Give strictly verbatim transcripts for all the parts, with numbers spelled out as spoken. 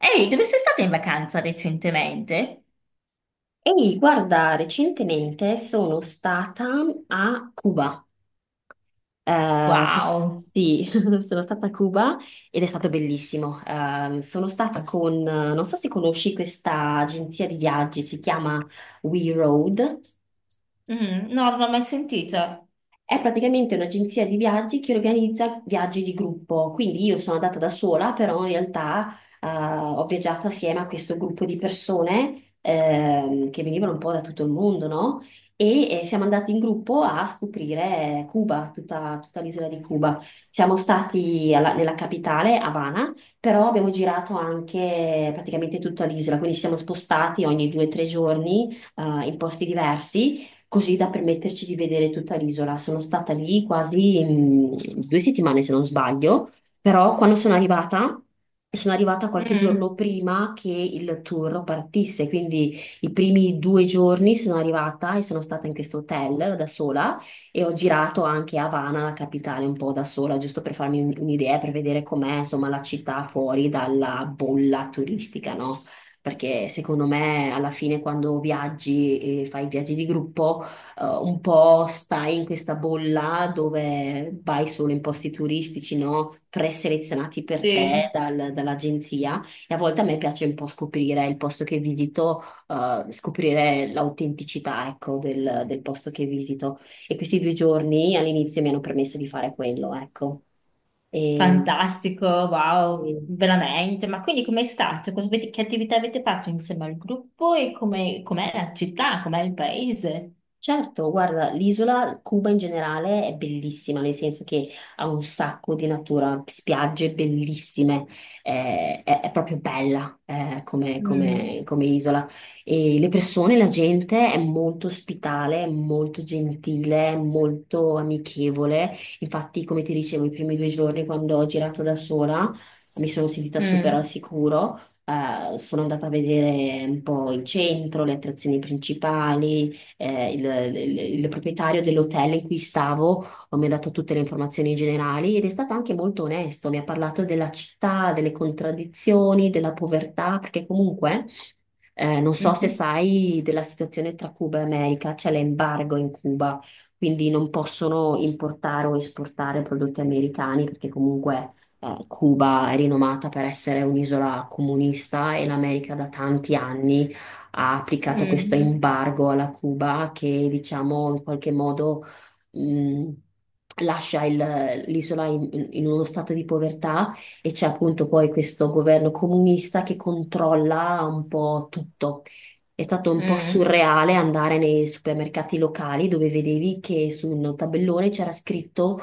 Ehi, dove sei stata in vacanza recentemente? Ehi, guarda, recentemente sono stata a Cuba. Eh, sono sta- Wow. sì, sono stata a Cuba ed è stato bellissimo. Eh, sono stata con, non so se conosci questa agenzia di viaggi, si chiama We Road. Mm, no, non l'ho mai sentita. È praticamente un'agenzia di viaggi che organizza viaggi di gruppo, quindi io sono andata da sola, però in realtà eh, ho viaggiato assieme a questo gruppo di persone ehm, che venivano un po' da tutto il mondo, no? E eh, siamo andati in gruppo a scoprire Cuba, tutta, tutta l'isola di Cuba. Siamo stati alla- nella capitale, Havana, però abbiamo girato anche praticamente tutta l'isola, quindi ci siamo spostati ogni due o tre giorni eh, in posti diversi così da permetterci di vedere tutta l'isola. Sono stata lì quasi mm, due settimane, se non sbaglio, però quando sono arrivata, sono arrivata qualche Mm, giorno prima che il tour partisse, quindi i primi due giorni sono arrivata e sono stata in questo hotel da sola e ho girato anche Havana, la capitale, un po' da sola, giusto per farmi un- un'idea, per vedere com'è, insomma, la città fuori dalla bolla turistica, no? Perché secondo me alla fine quando viaggi e fai viaggi di gruppo, eh, un po' stai in questa bolla dove vai solo in posti turistici, no? Preselezionati per te sì, dal- dall'agenzia. E a volte a me piace un po' scoprire il posto che visito, eh, scoprire l'autenticità, ecco, del, del posto che visito. E questi due giorni all'inizio mi hanno permesso di fare quello, ecco. E, fantastico, wow, e- veramente. Ma quindi com'è stato? Cosa avete- Che attività avete fatto insieme al gruppo e come, com'è la città, com'è il paese? Certo, guarda, l'isola Cuba in generale è bellissima, nel senso che ha un sacco di natura, spiagge bellissime, eh, è, è proprio bella eh, come, Mm. come- come isola. E le persone, la gente è molto ospitale, è molto gentile, è molto amichevole. Infatti, come ti dicevo, i primi due giorni quando ho girato da sola mi sono sentita super al Mm. sicuro. Eh, sono andata a vedere un po' il centro, le attrazioni principali eh, il, il- il proprietario dell'hotel in cui stavo mi ha dato tutte le informazioni generali ed è stato anche molto onesto, mi ha parlato della città, delle contraddizioni, della povertà, perché comunque eh, non so se Mhm. sai della situazione tra Cuba e America, c'è l'embargo in Cuba, quindi non possono importare o esportare prodotti americani perché comunque... eh, Cuba è rinomata per essere un'isola comunista e l'America da tanti anni ha applicato questo Mm. embargo alla Cuba che diciamo in qualche modo mh, lascia il- l'isola in, in uno stato di povertà e c'è appunto poi questo governo comunista che controlla un po' tutto. È stato un po' Mm. surreale andare nei supermercati locali dove vedevi che su un tabellone c'era scritto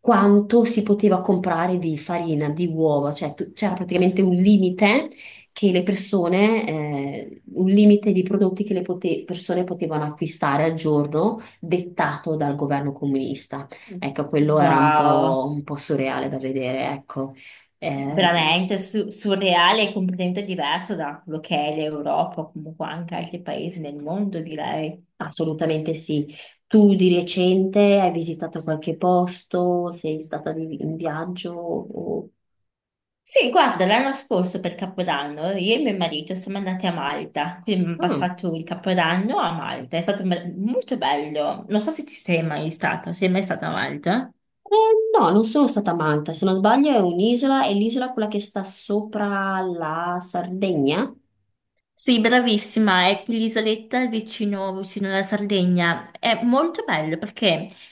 quanto si poteva comprare di farina, di uova, cioè tu- c'era praticamente un limite che le persone, eh, un limite di prodotti che le pote- persone potevano acquistare al giorno, dettato dal governo comunista. Ecco, quello era un Wow, po', un po' surreale da vedere, ecco. Eh, veramente su- surreale e completamente diverso da quello che è l'Europa, o comunque anche altri paesi nel mondo, direi. assolutamente sì. Tu di recente hai visitato qualche posto? Sei stata di- in viaggio? o- Sì, guarda, l'anno scorso per Capodanno io e mio marito siamo andati a Malta, quindi abbiamo Mm. passato il Capodanno a Malta, è stato be- molto bello. Non so se ti sei mai stato, sei mai stato a Malta? Eh, no, non sono stata a Malta, se non sbaglio è un'isola, è l'isola quella che sta sopra la Sardegna. Sì, bravissima, è l'isoletta vicino, vicino alla Sardegna. È molto bello perché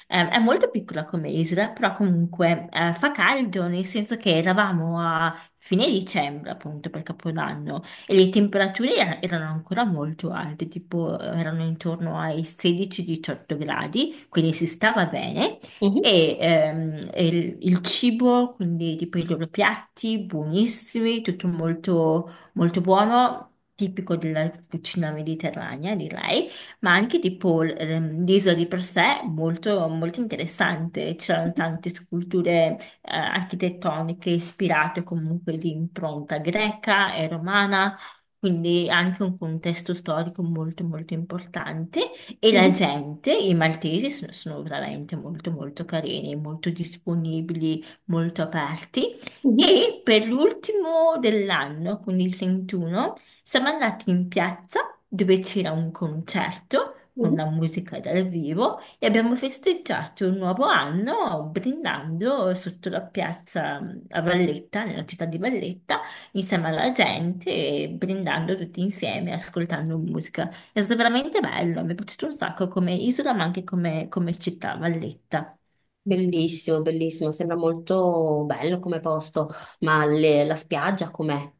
eh, è molto piccola come isola, però comunque eh, fa caldo, nel senso che eravamo a fine dicembre, appunto, per Capodanno, e le temperature er- erano ancora molto alte, tipo erano intorno ai sedici diciotto gradi, quindi si stava bene. Mhm, E ehm, e il, il cibo, quindi tipo i loro piatti, buonissimi, tutto molto molto buono, tipico della cucina mediterranea, direi, ma anche tipo l- ehm, l'isola di per sé molto, molto interessante. C'erano tante sculture eh, architettoniche ispirate comunque di impronta greca e romana. Quindi anche un contesto storico molto molto importante e la mhm, gente, i maltesi sono, sono veramente molto molto carini, molto disponibili, molto aperti. mhm, E per l'ultimo dell'anno, quindi il trentuno, siamo andati in piazza dove c'era un concerto con mhm. la musica dal vivo e abbiamo festeggiato il nuovo anno brindando sotto la piazza mm, a Valletta, nella città di Valletta, insieme alla gente e brindando tutti insieme, ascoltando musica. È stato veramente bello, mi è piaciuto un sacco come isola, ma anche come, come città, Valletta. Bellissimo, bellissimo, sembra molto bello come posto, ma le- la spiaggia com'è?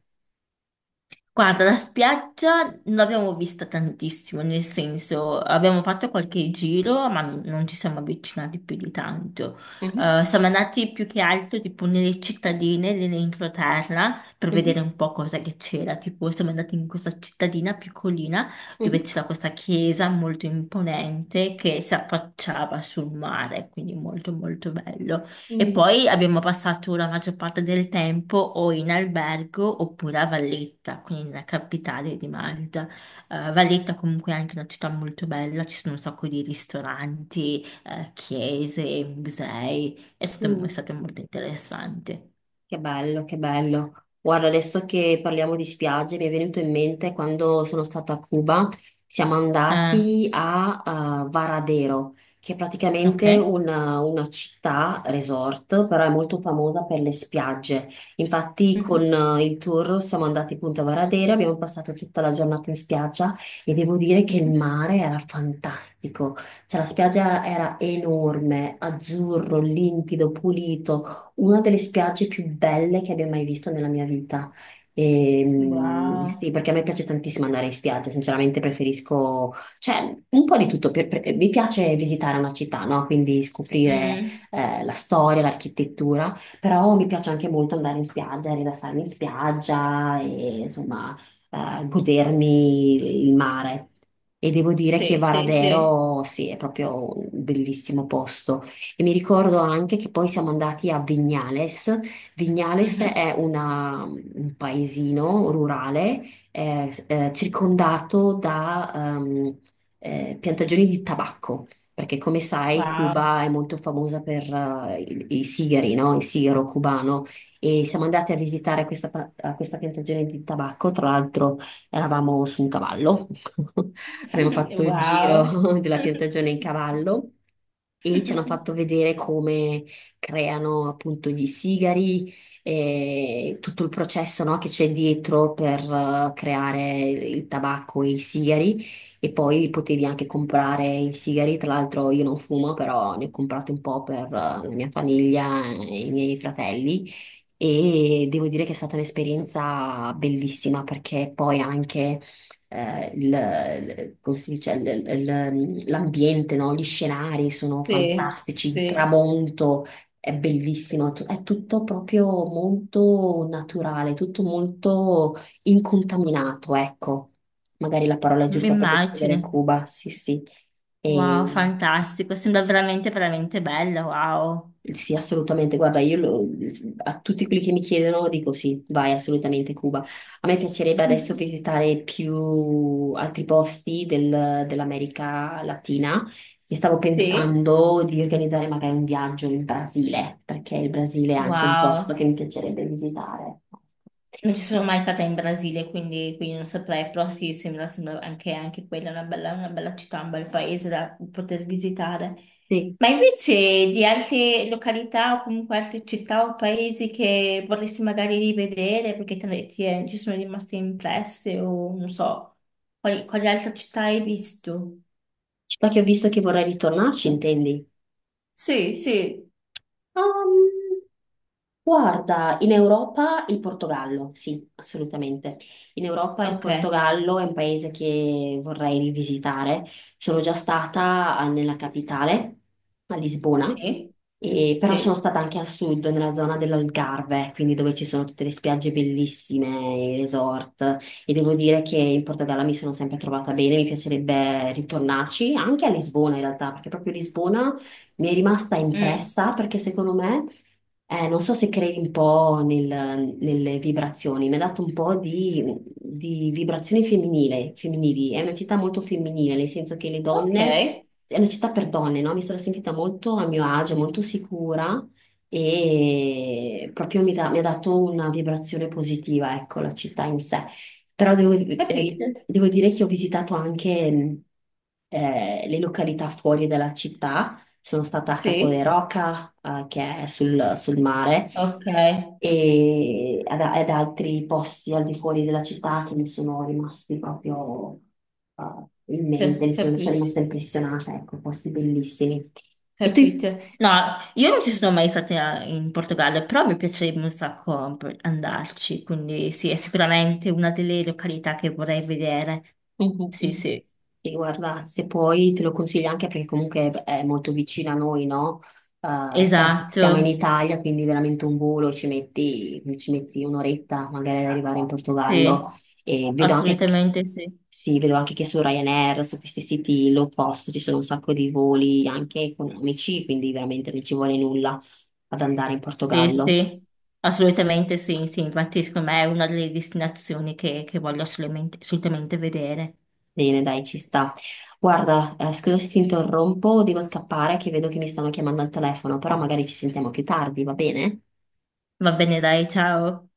Guarda, la spiaggia non l'abbiamo vista tantissimo, nel senso abbiamo fatto qualche giro, ma n- non ci siamo avvicinati più di tanto. Mhm, Eh, siamo andati più che altro tipo nelle cittadine dell'entroterra per vedere mhm, un po' cosa che c'era. Tipo, siamo andati in questa cittadina piccolina dove mhm, c'era questa chiesa molto imponente che si affacciava sul mare, quindi molto molto bello. E mm, poi abbiamo passato la maggior parte del tempo o in albergo oppure a Valletta, quindi nella capitale di Malta. Eh, Valletta comunque è anche una città molto bella, ci sono un sacco di ristoranti, eh, chiese, musei, è stato, è mm. stato molto interessante. Che bello, che bello. Guarda, adesso che parliamo di spiagge, mi è venuto in mente quando sono stata a Cuba, siamo Ah, andati a eh, Varadero, che è praticamente ok. una, una città resort, però è molto famosa per le spiagge. Infatti, con Mhm. eh, il tour siamo andati appunto a Varadero, abbiamo passato tutta la giornata in spiaggia e devo dire che il Mhm. mare era fantastico. Cioè, la spiaggia era era enorme, azzurro, limpido, pulito, una delle spiagge più belle che abbia mai visto nella mia vita. E, mm, sì, Wow. perché a me piace tantissimo andare in spiaggia, sinceramente preferisco, cioè, un po' di tutto. per- per- mi piace visitare una città, no? Quindi scoprire Mm. eh, la storia, l'architettura, però mi piace anche molto andare in spiaggia, rilassarmi in spiaggia e insomma eh, godermi il mare. E devo dire che Sì, sì, sì. Varadero, sì, è proprio un bellissimo posto. E mi ricordo anche che poi siamo andati a Vignales. Vignales Mhm. è una- un paesino rurale eh, eh, circondato da ehm, eh, piantagioni di tabacco. Perché come sai, Wow. Cuba è molto famosa per eh, i, i sigari, no? Il sigaro cubano. E siamo andati a visitare questa, pa- a questa piantagione di tabacco. Tra l'altro, eravamo su un cavallo. Abbiamo fatto il Wow. giro della piantagione in cavallo e ci hanno fatto vedere come creano appunto gli sigari e tutto il processo, no, che c'è dietro per eh, creare il tabacco e i sigari. E poi potevi anche comprare i sigari, tra l'altro io non fumo, però ne ho comprati un po' per eh, la mia famiglia e i miei fratelli e devo dire che è stata un'esperienza bellissima perché poi anche eh, il- il- come si dice, il- il- l'ambiente, no? Gli scenari sono Sì, fantastici, il sì. tramonto è bellissimo, tu- è tutto proprio molto naturale, tutto molto incontaminato, ecco. Magari la parola è giusta per descrivere Immagine. Cuba, sì, sì. Wow, Ehm, fantastico, sembra veramente, veramente bello, wow. sì, assolutamente. Guarda, io lo- a tutti quelli che mi chiedono dico sì, vai assolutamente Cuba. A me piacerebbe adesso visitare più altri posti del- dell'America Latina e stavo Sì? pensando di organizzare magari un viaggio in Brasile, perché il Brasile è anche un posto che Wow, mi piacerebbe visitare. non ci sono mai stata in Brasile, quindi, quindi non saprei, però sì, sembra, sembra anche, anche quella una bella, una bella città, un bel paese da poter visitare. Sì, Ma invece di altre località o comunque altre città o paesi che vorresti magari rivedere perché te- ne- ti è- ci sono rimaste impresse o non so, quali, quali altre città hai visto? città che ho visto che vorrei ritornarci, intendi? Sì, sì. Guarda, in Europa il Portogallo, sì, assolutamente. In Europa il Ok, Portogallo è un paese che vorrei rivisitare. Sono già stata ah, nella capitale, a Lisbona, sì. e- però sono Sì. stata anche a sud, nella zona dell'Algarve, quindi dove ci sono tutte le spiagge bellissime, i resort, e devo dire che in Portogallo mi sono sempre trovata bene, mi piacerebbe ritornarci, anche a Lisbona in realtà, perché proprio Lisbona mi è rimasta Mm. impressa perché secondo me... Eh, non so se credi un po' nel- nelle vibrazioni, mi ha dato un po' di, di vibrazioni femminile, femminili. È una città molto femminile, nel senso che le Ok, donne, è una città per donne, no? Mi sono sentita molto a mio agio, molto sicura e proprio mi, dà- mi ha dato una vibrazione positiva, ecco, la città in sé. Però devo, eh, capite? devo dire che ho visitato anche mh, eh, le località fuori dalla città sono stata a Capo de Sì, Roca, eh, che è sul, sul mare, ok. e ad, ad altri posti al di fuori della città che mi sono rimasti proprio eh, in mente, Ca- mi sono, sono Capite, rimasta impressionata, ecco, posti bellissimi. E tu? capite. No, io non ci sono mai stata in Portogallo, però mi piacerebbe un sacco andarci, quindi sì, è sicuramente una delle località che vorrei vedere. Mhm. Sì, mhm. sì, Sì, guarda, se puoi te lo consiglio anche perché comunque è è molto vicino a noi, no? Eh, stia- stiamo in esatto, Italia, quindi veramente un volo ci metti, ci metti un'oretta magari ad arrivare in Portogallo sì, e vedo anche che, assolutamente sì, sì, vedo anche che su Ryanair, su questi siti low cost ci sono un sacco di voli anche economici, quindi veramente non ci vuole nulla ad andare in sì, Portogallo. sì, assolutamente sì, sì, infatti secondo me è una delle destinazioni che, che voglio assolutamente assolutamente vedere. Bene, dai, ci sta. Guarda, eh, scusa se ti interrompo, devo scappare che vedo che mi stanno chiamando al telefono, però magari ci sentiamo più tardi, va bene? Va bene, dai, ciao.